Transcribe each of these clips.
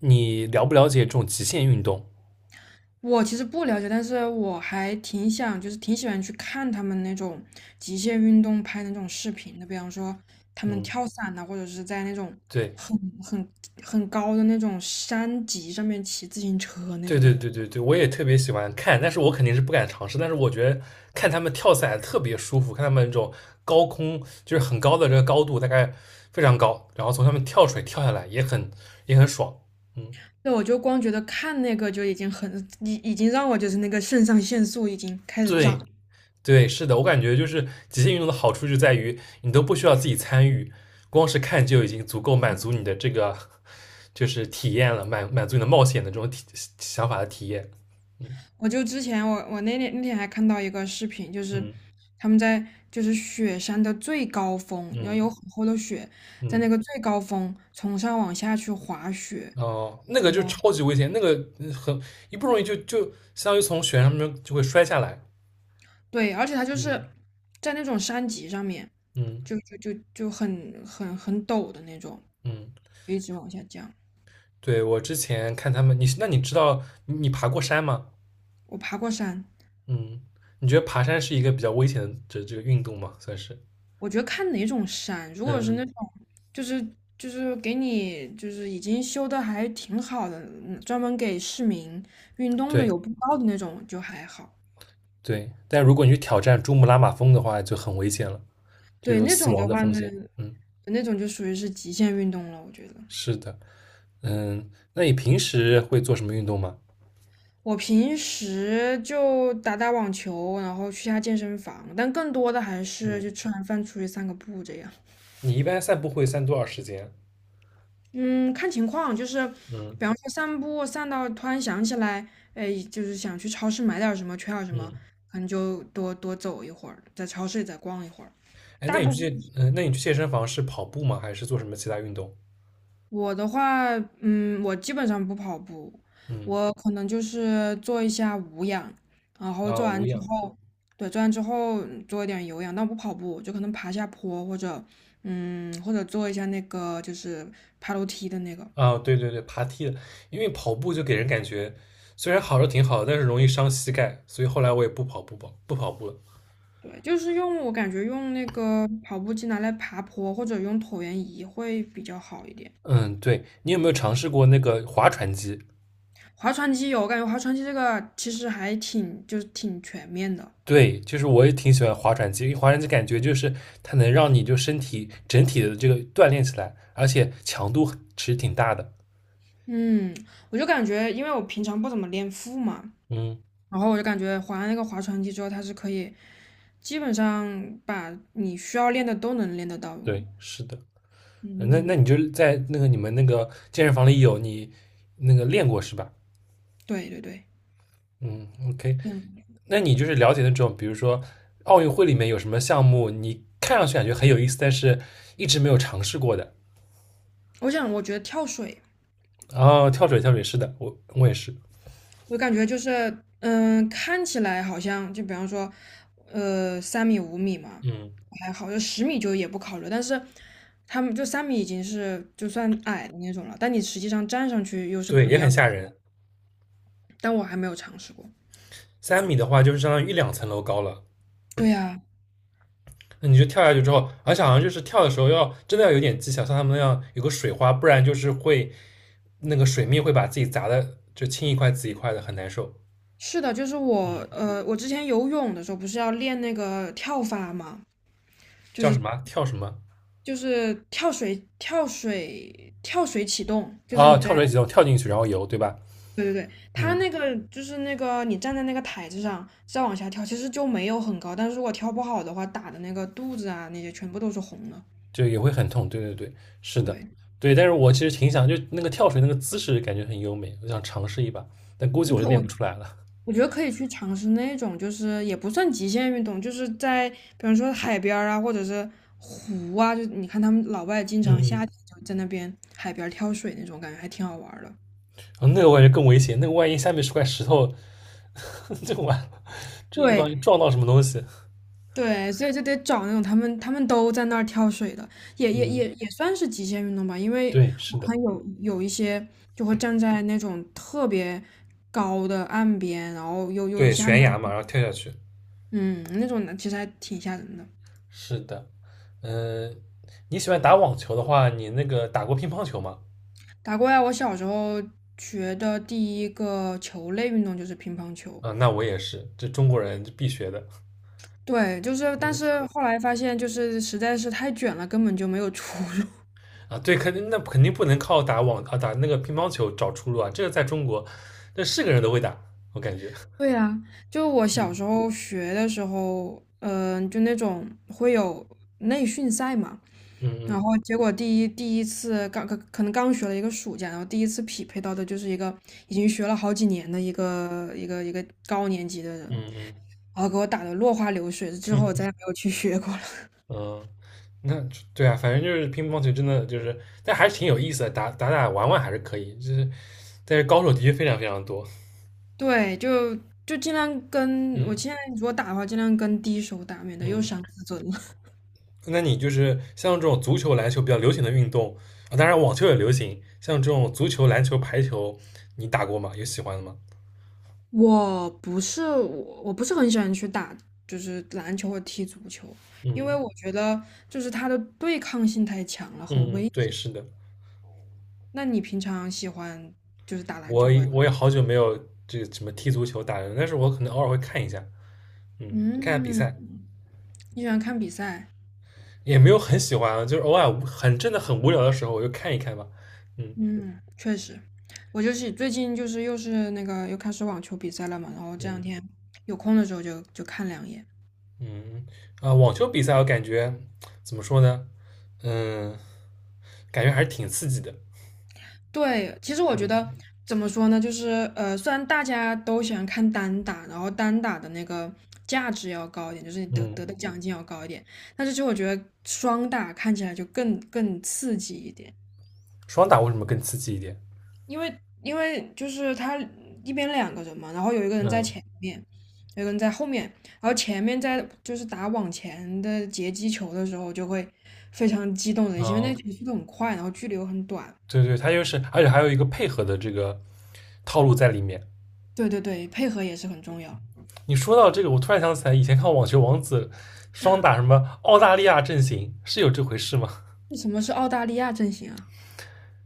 你了不了解这种极限运动？我其实不了解，但是我还挺想，就是挺喜欢去看他们那种极限运动拍的那种视频的，比方说他们嗯。跳伞呐、或者是在那种对。很很很高的那种山脊上面骑自行车那对种对感觉。对对对，我也特别喜欢看，但是我肯定是不敢尝试。但是我觉得看他们跳伞特别舒服，看他们那种高空就是很高的这个高度，大概非常高，然后从上面跳水跳下来也很也很爽。嗯。对，我就光觉得看那个就已经很，已经让我就是那个肾上腺素已经开始对涨。对，是的，我感觉就是极限运动的好处就在于你都不需要自己参与，光是看就已经足够满足你的这个就是体验了，满足你的冒险的这种体想法的体验。嗯我就之前我那天还看到一个视频，就是嗯他们在雪山的最高峰，然后嗯有很厚的雪，在嗯。那个最高峰从上往下去滑雪。哦，那个就哇。超级危险，那个很一不容易就相当于从悬崖上面就会摔下来。对，而且它就嗯是在那种山脊上面，嗯就很陡的那种，嗯。就一直往下降。对，我之前看他们，你那你知道你爬过山吗？我爬过山，嗯。你觉得爬山是一个比较危险的这个运动吗？算是。嗯我觉得看哪种山，如果是嗯。那种就是就是给你就是已经修的还挺好的，专门给市民运动的对有步道的那种就还好。对，但如果你去挑战珠穆朗玛峰的话，就很危险了，就对，有那死种亡的的话风呢，险。嗯，那种就属于是极限运动了，我觉得。是的。嗯，那你平时会做什么运动吗？我平时就打打网球，然后去下健身房，但更多的还是嗯。就吃完饭出去散个步这样。你一般散步会散多少时间？嗯，看情况，就是嗯比方说散步散到突然想起来，哎，就是想去超市买点儿什么，缺点儿什么，嗯。可能就多多走一会儿，在超市里再逛一会儿。哎，那大你部去分健，那你去健身房是跑步吗？还是做什么其他运动？我的话，我基本上不跑步，嗯。我可能就是做一下无氧，然后做啊，无完之氧。后。对，做完之后做一点有氧，但我不跑步，就可能爬下坡或者，或者做一下那个就是爬楼梯的那个。啊，对对对，爬梯的，因为跑步就给人感觉虽然好是挺好的，但是容易伤膝盖，所以后来我也不跑步吧，不跑步了。对就是我感觉用那个跑步机拿来爬坡或者用椭圆仪会比较好一点。嗯。对，你有没有尝试过那个划船机？划船机有，我感觉划船机这个其实还挺就是挺全面的。对，就是我也挺喜欢划船机，因为划船机感觉就是它能让你就身体整体的这个锻炼起来，而且强度其实挺大的。嗯，我就感觉因为我平常不怎么练腹嘛，嗯。然后我就感觉划了那个划船机之后，它是可以基本上把你需要练的都能练得到。哦。对，是的。那嗯，你就在那个你们那个健身房里那个练过是吧？对对对，嗯，OK。练过。那你就是了解那种，比如说奥运会里面有什么项目，你看上去感觉很有意思，但是一直没有尝试过的。我觉得跳水哦，跳水，跳水，是的，我也是。我感觉就是，看起来好像就比方说，三米、5米嘛，嗯，还好，就10米就也不考虑。但是他们就三米已经是就算矮的那种了，但你实际上站上去又是对，不一也样很的。吓人。但我还没有尝试过。三米的话，就是相当于一两层楼高了。对呀，那你就跳下去之后，而且好像就是跳的时候要真的要有点技巧，像他们那样有个水花，不然就是会那个水面会把自己砸的就青一块紫一块的，很难受。是的，就是我之前游泳的时候不是要练那个跳法嘛，就叫什是么啊跳什么就是跳水、跳水、跳水启动，就是啊？你跳在。水几动，跳进去然后游，对吧？对对对，它嗯，那个就是那个你站在那个台子上再往下跳，其实就没有很高，但是如果跳不好的话，打的那个肚子啊那些全部都是红的。就也会很痛。对对对，是的，对。对。但是我其实挺想，就那个跳水那个姿势感觉很优美，我想尝试一把，但估计我就练我不出来了。我觉得可以去尝试那种，就是也不算极限运动，就是在比方说海边儿啊，或者是湖啊，就你看他们老外经嗯常夏嗯。天就在那边海边儿跳水那种，感觉还挺好玩儿的。哦那个我感觉更危险，那个万一下面是块石头，就完了，这一不对，小撞到什么东西。对，所以就得找那种他们都在那儿跳水的，也也嗯，也也算是极限运动吧。因为对，我是的，看有一些就会站在那种特别高的岸边，然后又对，下面，悬崖嘛，然后跳下去。嗯，那种的其实还挺吓人的。是的。嗯、你喜欢打网球的话，你那个打过乒乓球吗？打过来，我小时候学的第一个球类运动就是乒乓球。啊，那我也是，这中国人就必学的。对，就是，但嗯。是后来发现，就是实在是太卷了，根本就没有出路。啊，对，肯定那肯定不能靠打网啊打那个乒乓球找出路啊，这个在中国，那是个人都会打，我感觉。对呀，就我小时嗯候学的时候，就那种会有内训赛嘛，然嗯后结果第一次刚可能刚学了一个暑假，然后第一次匹配到的就是一个已经学了好几年的一个高年级的人，嗯嗯然后给我打得落花流水，之后我再也没有去学过了。嗯嗯。那对啊，反正就是乒乓球真的就是，但还是挺有意思的，打打打玩玩还是可以，就是但是高手的确非常非常多。对，就嗯尽量如果打的话，尽量跟低手打，免得又嗯。伤自尊了。那你就是像这种足球、篮球比较流行的运动啊，当然网球也流行，像这种足球、篮球、排球，你打过吗？有喜欢的吗？我不是很喜欢去打，就是篮球或踢足球，因为嗯我觉得就是它的对抗性太强了，很危嗯。对，险。是的。那你平常喜欢就是打篮我球或者我也好久没有这个什么踢足球打人，但是我可能偶尔会看一下，嗯，看一下比嗯，赛。你喜欢看比赛？也没有很喜欢啊，就是偶尔很真的很无聊的时候，我就看一看吧。嗯嗯，确实，我就是最近就是又是那个又开始网球比赛了嘛，然后这两嗯天有空的时候就看两眼。嗯。啊、网球比赛我感觉怎么说呢，嗯，感觉还是挺刺激的。对，其实我觉得嗯怎么说呢，就是虽然大家都喜欢看单打，然后单打的那个价值要高一点，就是你得嗯。得的奖金要高一点，但是其实我觉得双打看起来就更刺激一点，双打为什么更刺激一点？因为就是他一边两个人嘛，然后有一个人在嗯前面，有一个人在后面，然后前面在就是打往前的截击球的时候就会非常激动人心，因为那哦，个球速度很快，然后距离又很短，对对，它就是，而且还有一个配合的这个套路在里面。对对对，配合也是很重要。你说到这个，我突然想起来，以前看《网球王子》，双打什么澳大利亚阵型是有这回事吗？那什么是澳大利亚阵型啊？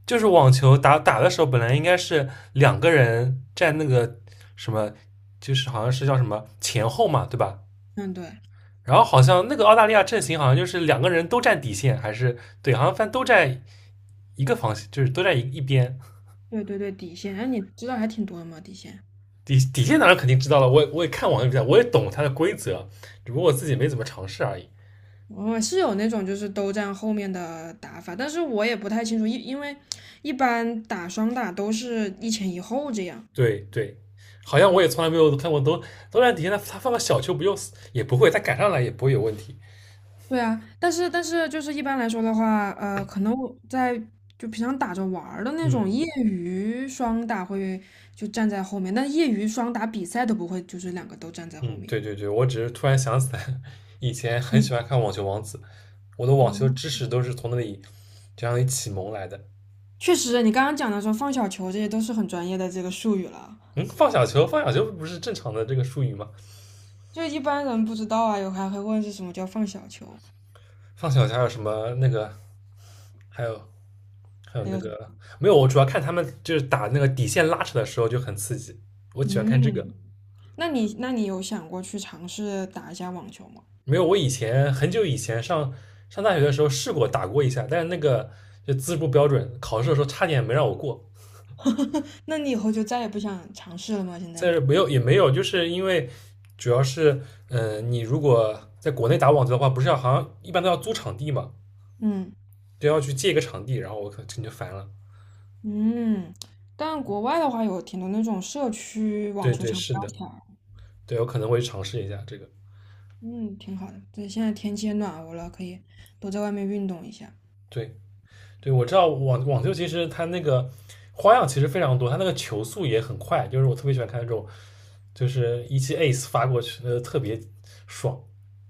就是网球打打的时候，本来应该是两个人站那个什么，就是好像是叫什么前后嘛，对吧？嗯，对，然后好像那个澳大利亚阵型好像就是两个人都占底线，还是对，好像反正都站一个方向，就是都站一边。对对对，底线。哎，你知道还挺多的嘛，底线。底底线当然肯定知道了，我也看网球比赛，我也懂它的规则，只不过我自己没怎么尝试而已。我是有那种就是都站后面的打法，但是我也不太清楚，因为一般打双打都是一前一后这样。对对，好像我嗯，也从来没有看过都都在底下，他放个小球不就死也不会，他赶上来也不会有问题。对啊，但是就是一般来说的话，可能就平常打着玩儿的那种嗯业余双打会就站在后面，但业余双打比赛都不会，就是两个都站在后嗯。面。对对对，我只是突然想起来，以前很嗯喜欢看《网球王子》，我的网球嗯，知识都是从那里这样一启蒙来的。确实，你刚刚讲的说放小球，这些都是很专业的这个术语了，嗯，放小球，放小球不是正常的这个术语吗？就一般人不知道啊，有还会问是什么叫放小球，放小球还有什么那个，还有还有还那有什个么？没有，我主要看他们就是打那个底线拉扯的时候就很刺激，我喜欢看这个。嗯，那你有想过去尝试打一下网球吗？没有，我以前很久以前上大学的时候试过打过一下，但是那个就资质不标准，考试的时候差点没让我过。那你以后就再也不想尝试了吗？现在？但是没有也没有，就是因为主要是，你如果在国内打网球的话，不是要好像一般都要租场地嘛，嗯都要去借一个场地，然后我可能就烦了。嗯，但国外的话有挺多那种社区网对球对，场不是要的，钱，对我可能会尝试一下这个。嗯，挺好的。对，现在天气也暖和了，可以多在外面运动一下。对，对，我知道网网球其实它那个花样其实非常多，它那个球速也很快，就是我特别喜欢看那种，就是一记 ace 发过去，特别爽。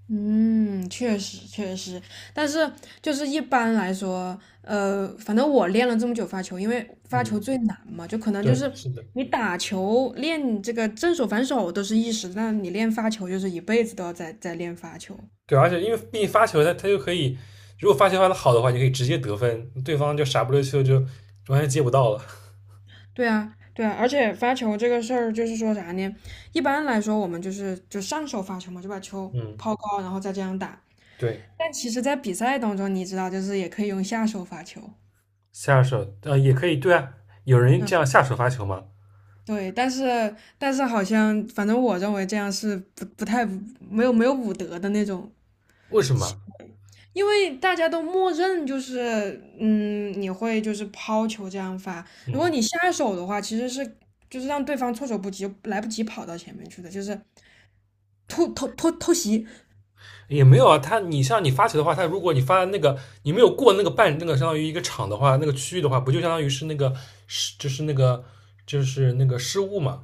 嗯，确实确实，但是就是一般来说，反正我练了这么久发球，因为发嗯，球最难嘛，就可能就对，是是的，你打球练这个正手反手都是一时，但你练发球就是一辈子都要在练发球。对，而且因为毕竟发球它就可以，如果发球发的好的话，你可以直接得分，对方就傻不溜秋就完全接不到了。对啊，对啊，而且发球这个事儿就是说啥呢？一般来说我们就上手发球嘛，就把球嗯，抛高，然后再这样打。对，但其实，在比赛当中，你知道，就是也可以用下手发球。下手也可以，对啊，有人嗯。这样下手发球吗？对，但是好像，反正我认为这样是不太没有武德的那种，为什么？因为大家都默认就是，你会就是抛球这样发，如果嗯。你下手的话，其实是让对方措手不及，来不及跑到前面去的，就是突偷偷偷袭，也没有啊，他你像你发球的话，他如果你发的那个你没有过那个半那个相当于一个场的话，那个区域的话，不就相当于是那个失就是那个就是那个失误嘛？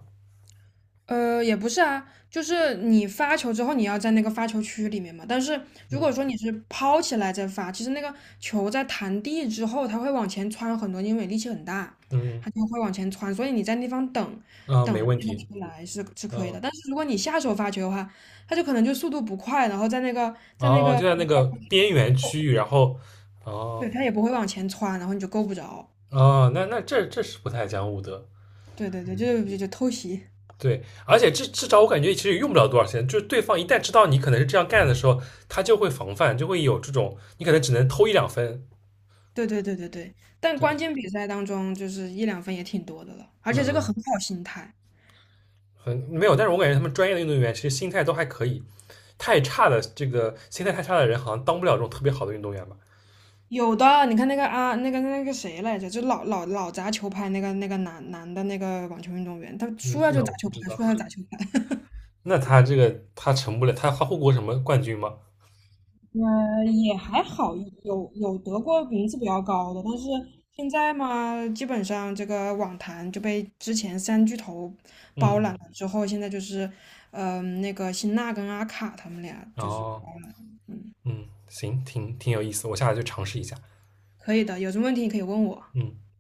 也不是啊，就是你发球之后，你要在那个发球区里面嘛。但是如果嗯说你是抛起来再发，其实那个球在弹地之后，它会往前窜很多，因为力气很大，嗯它就会往前窜。所以你在那地方等啊，等没问那个题。球来是可以嗯的。但是如果你下手发球的话，它就可能就速度不快，然后在那个在那哦，个，就在那个边缘区域，然后哦对，它也不会往前窜，然后你就够不着。哦，那那这这是不太讲武德，对对对，就是就偷袭。对，而且至少我感觉其实也用不了多少钱，就是对方一旦知道你可能是这样干的时候，他就会防范，就会有这种你可能只能偷一两分，对对对对对，但对关吧？键比赛当中就是一两分也挺多的了，而且这个嗯很好心态。没有，但是我感觉他们专业的运动员其实心态都还可以，太差的这个心态太差的人好像当不了这种特别好的运动员吧？有的，你看那个啊，那个谁来着，就老砸球拍那个男的那个网球运动员，他输嗯，了就那砸我球不知拍，输了就道。砸球拍。那他这个他成不了，他获过什么冠军吗？也还好，有得过名次比较高的，但是现在嘛，基本上这个网坛就被之前三巨头包揽嗯，了之后，现在就是，那个辛纳跟阿卡他们俩然就是后包揽了。嗯。嗯，行，挺挺有意思，我下来就尝试一下。可以的，有什么问题你可以问我。嗯。